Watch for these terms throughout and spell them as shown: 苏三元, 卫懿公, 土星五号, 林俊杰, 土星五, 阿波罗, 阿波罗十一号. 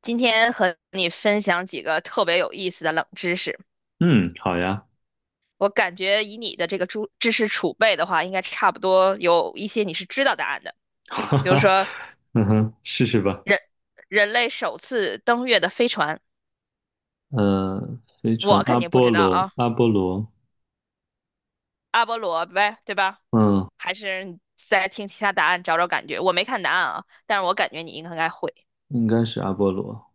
今天和你分享几个特别有意思的冷知识。嗯，好呀，我感觉以你的这个知识储备的话，应该差不多有一些你是知道答案的。哈比如哈，说嗯哼，试试吧。人人类首次登月的飞船，呃，飞船我阿肯定不波知道罗，啊，阿波罗呗，对吧？嗯，还是你再听其他答案找找感觉。我没看答案啊，但是我感觉你应该会。应该是阿波罗。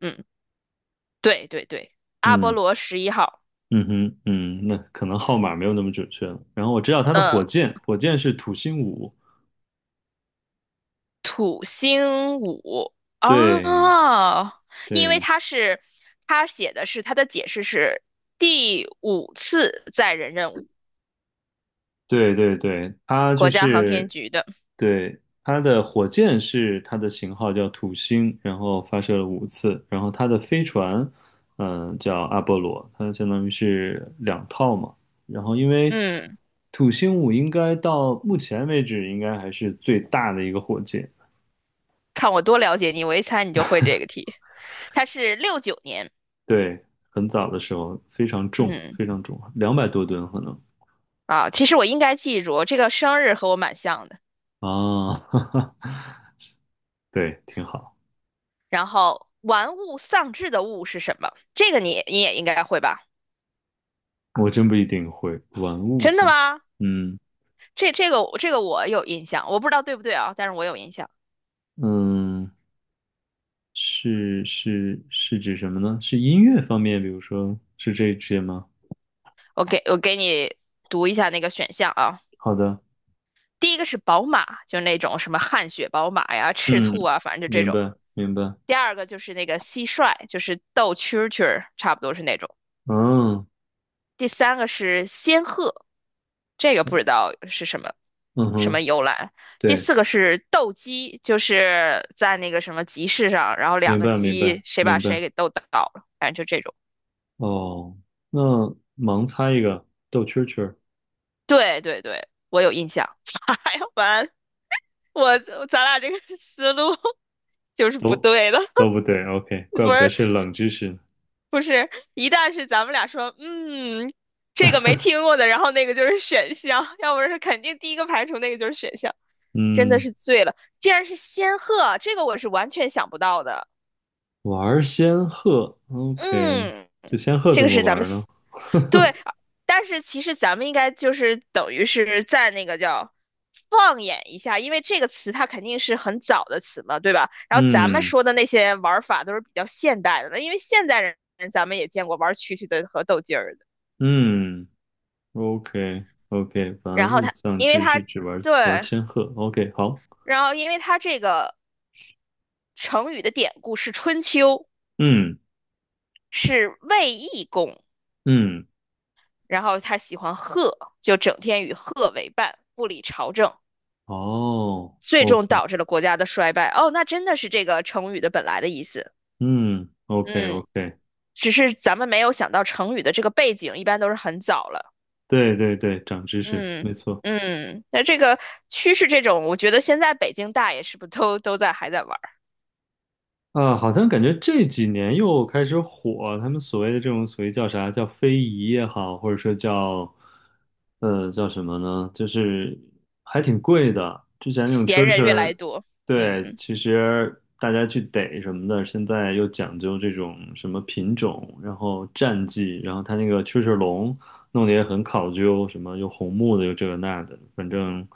嗯，对对对，阿波嗯罗11号。嗯哼嗯，那可能号码没有那么准确了。然后我知道它的嗯，火箭，是土星五。土星五对哦，因为对，他是他写的是他的解释是第五次载人任务，对对对，它就国家航天是，局的。对，它的火箭是它的型号叫土星，然后发射了五次，然后它的飞船，叫阿波罗，它相当于是两套嘛。然后因为嗯，土星五应该到目前为止应该还是最大的一个火箭，看我多了解你，我一猜你就会这个题。他是69年，对，很早的时候非常重，嗯非常重，200多吨可能。啊，其实我应该记住这个生日和我蛮像的。啊，对，挺好。然后玩物丧志的物是什么？这个你也应该会吧？我真不一定会玩物真的丧，吗？嗯。这个我有印象，我不知道对不对啊，但是我有印象。嗯，是指什么呢？是音乐方面，比如说是这一些吗？我给我给你读一下那个选项啊。好的，第一个是宝马，就那种什么汗血宝马呀、赤兔嗯，啊，反正就这明种。白明白，第二个就是那个蟋蟀，就是斗蛐蛐儿，差不多是那种。嗯第三个是仙鹤，这个不知道是什么嗯什么哼，由来。第对，四个是斗鸡，就是在那个什么集市上，然后两明个白明白鸡谁把明白。谁给斗倒了，反正就这种。哦，那盲猜一个逗蛐儿蛐儿，对对对，我有印象。哎呀，完，我咱俩这个思路。就是不都对的，都不对，OK，怪不不得是是冷知识呢。不是，一旦是咱们俩说，嗯，这个没听过的，然后那个就是选项，要不然是肯定第一个排除那个就是选项，真的嗯，是醉了。竟然是仙鹤，这个我是完全想不到的。玩仙鹤，OK，嗯，这仙鹤这怎个么是咱们玩呢？对，但是其实咱们应该就是等于是在那个叫放眼一下，因为这个词它肯定是很早的词嘛，对吧？然后咱们嗯说的那些玩儿法都是比较现代的了，因为现代人咱们也见过玩儿蛐蛐的和斗鸡儿的。嗯。OK OK，然玩后物它，丧因为志它是指玩玩对，千鹤。OK，好，然后因为它这个成语的典故是春秋，嗯是卫懿公，嗯，然后他喜欢鹤，就整天与鹤为伴，不理朝政。哦最终，OK，导致了国家的衰败。哦，那真的是这个成语的本来的意思。嗯，OK 嗯，OK，只是咱们没有想到成语的这个背景，一般都是很早了。对对对，长知识，嗯没错。嗯，那这个趋势这种，我觉得现在北京大爷是不是都在还在玩儿？啊，好像感觉这几年又开始火，他们所谓的这种所谓叫啥，叫非遗也好，或者说叫，叫什么呢？就是还挺贵的。之前那种蛐闲人越来蛐，越多。对，嗯，其实大家去逮什么的，现在又讲究这种什么品种，然后战绩，然后它那个蛐蛐笼弄得也很考究，什么又红木的，又这个那的，反正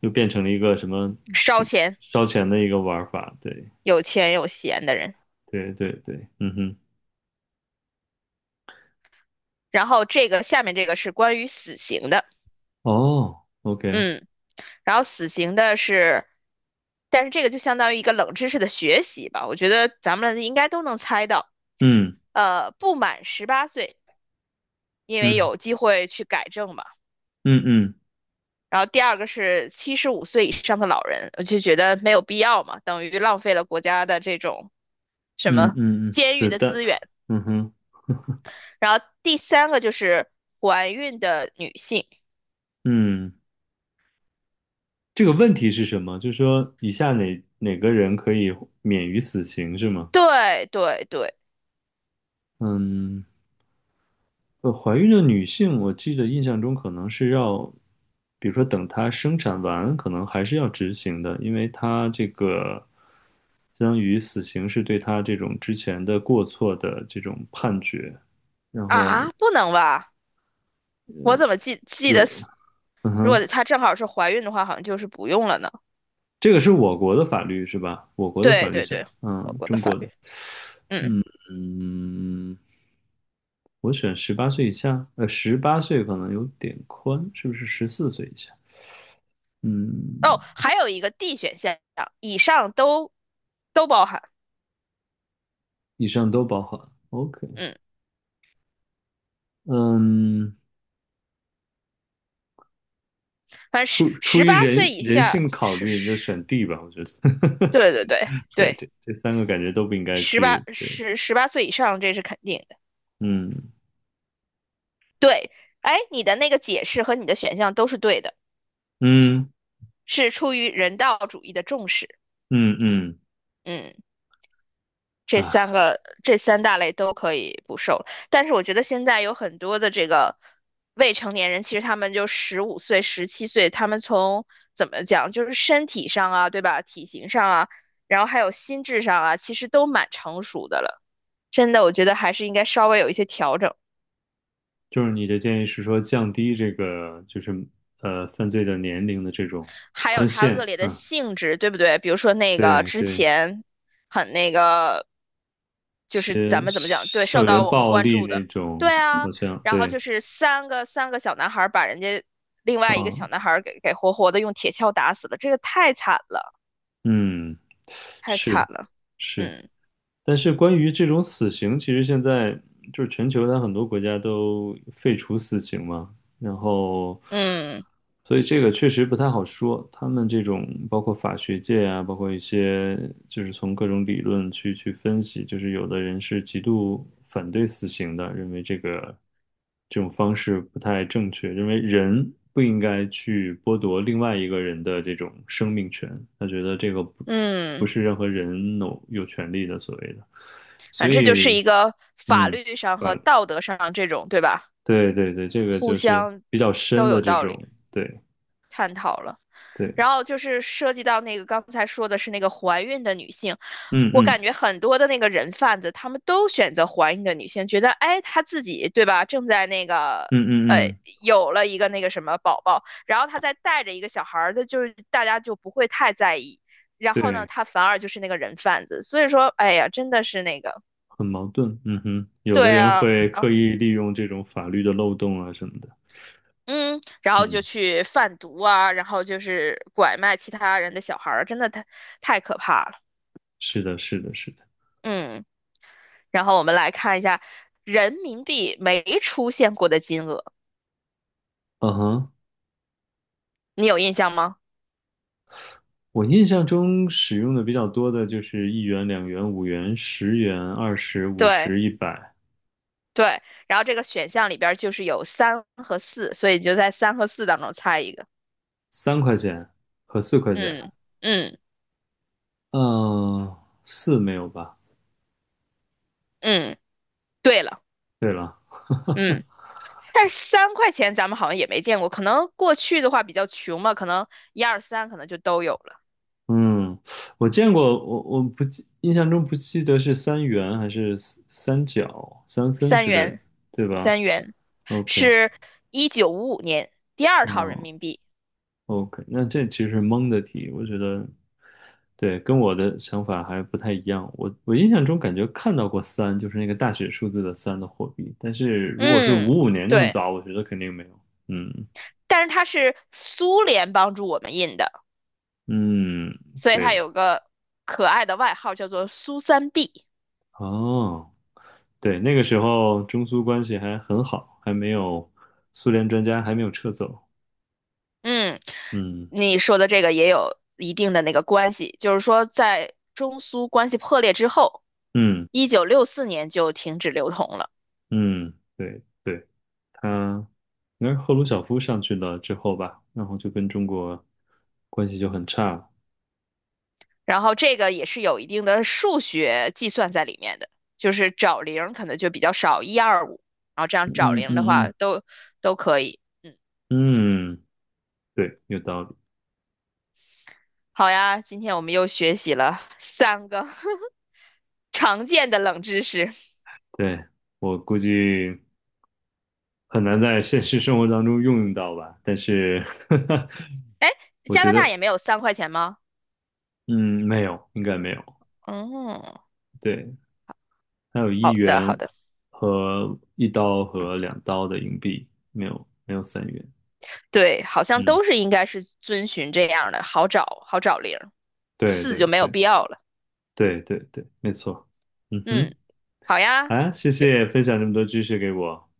又变成了一个什么烧挺钱，烧钱的一个玩法，对。有钱有闲的人。对对对，嗯哼，然后这个下面这个是关于死刑的。哦，OK，嗯，然后死刑的是。但是这个就相当于一个冷知识的学习吧，我觉得咱们应该都能猜到。嗯不满十八岁，因为嗯有机会去改正嘛。嗯嗯然后第二个是75岁以上的老人，我就觉得没有必要嘛，等于浪费了国家的这种什嗯么嗯嗯，监狱是的的，资源。嗯哼，然后第三个就是怀孕的女性，嗯，这个问题是什么？就是说，以下哪个人可以免于死刑是吗？对对对，嗯，怀孕的女性，我记得印象中可能是要，比如说等她生产完，可能还是要执行的，因为她这个相当于死刑是对她这种之前的过错的这种判决，然后啊，不能吧？我怎么记得有。是嗯如哼，果她正好是怀孕的话，好像就是不用了呢？这个是我国的法律是吧？我国的法对律对下，对，我嗯，国的中法国的，律，嗯，嗯，我选18岁以下，十八岁可能有点宽，是不是14岁以下？嗯，哦，还有一个 D 选项，以上都包含。以上都包含。OK，嗯，嗯，反正十出十于八岁人以人下性考是虑，就是，选 D 吧，我觉得。对对对 对对，对，这三个感觉都不应该十八去。对，十十八岁以上这是肯定的。嗯对，哎，你的那个解释和你的选项都是对的，嗯是出于人道主义的重视。嗯嗯，嗯，啊。这三大类都可以不受，但是我觉得现在有很多的这个未成年人，其实他们就十五岁、17岁，他们从怎么讲，就是身体上啊，对吧？体型上啊，然后还有心智上啊，其实都蛮成熟的了。真的，我觉得还是应该稍微有一些调整。就是你的建议是说降低这个就是犯罪的年龄的这种还有宽它恶限，劣的嗯，性质，对不对？比如说那个对之对，一前很那个，就是咱些们怎么讲，对，受校到园我们暴关力注那的，种对好啊。像然后对，就是三个小男孩儿把人家另外一个啊，小男孩儿给活活的用铁锹打死了，这个太惨了，嗯，太惨是了。是。嗯但是关于这种死刑，其实现在就是全球它很多国家都废除死刑嘛，然后，嗯所以这个确实不太好说。他们这种包括法学界啊，包括一些就是从各种理论去分析，就是有的人是极度反对死刑的，认为这个这种方式不太正确，认为人不应该去剥夺另外一个人的这种生命权，他觉得这个不。不嗯，是任何人有权利的所谓的，所反正这就是以一个法嗯，律上和反道德上这种，对吧？对对对，这个互就是相比较深都的有这道理，种，对探讨了。对，然后就是涉及到那个刚才说的是那个怀孕的女性，嗯我嗯感觉很多的那个人贩子，他们都选择怀孕的女性，觉得哎，她自己对吧，正在那个嗯呃嗯嗯，有了一个那个什么宝宝，然后她再带着一个小孩儿，她就是大家就不会太在意。然后呢，对，她反而就是那个人贩子，所以说，哎呀，真的是那个，很矛盾，嗯哼，有对的人啊。会刻意利用这种法律的漏洞啊什么的，嗯，然后就嗯，去贩毒啊，然后就是拐卖其他人的小孩儿，真的太可怕了。是的，是的，是的，嗯。然后我们来看一下人民币没出现过的金额，嗯哼。你有印象吗？我印象中使用的比较多的就是一元、两元、五元、十元、二十、五对十、一百、对，然后这个选项里边儿就是有三和四，所以你就在三和四当中猜一个。三块钱和四块钱。嗯嗯嗯，四没有吧？嗯，对了，对了，嗯，但是三块钱咱们好像也没见过，可能过去的话比较穷嘛，可能一二三可能就都有了。嗯，我见过，我不记，印象中不记得是三元还是三角、三分三之类的，元，对吧三元？OK，是1955年第二套嗯人民币。，OK，那这其实是蒙的题，我觉得对，跟我的想法还不太一样。我印象中感觉看到过三，就是那个大写数字的三的货币，但是如果是嗯，55年那么对。早，我觉得肯定没有。嗯但是它是苏联帮助我们印的，嗯，所以对它的。有个可爱的外号叫做苏三 B。哦，对，那个时候中苏关系还很好，还没有苏联专家还没有撤走。嗯，嗯你说的这个也有一定的那个关系，就是说在中苏关系破裂之后，嗯1964年就停止流通了。嗯，对对，他应该是赫鲁晓夫上去了之后吧，然后就跟中国关系就很差了。然后这个也是有一定的数学计算在里面的，就是找零可能就比较少，一二五，然后这样找嗯零的嗯话嗯都可以。嗯，对，有道理。好呀，今天我们又学习了三个 常见的冷知识。对，我估计很难在现实生活当中用到吧，但是 哎，我加觉拿大得，也没有三块钱吗？嗯，没有，应该没有。哦，对，还有一好的好元的，和一刀和两刀的硬币，没有没有三元。对，好像嗯，都是应该是遵循这样的，好找零儿，对四对就没有对必要了。对对对，没错。嗯哼，嗯，好呀，好呀，谢有谢分享这么多知识给我。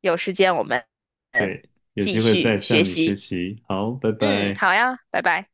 有时间我们嗯对，有继机会再续学向你学习。习。好，拜嗯，拜。好呀，拜拜。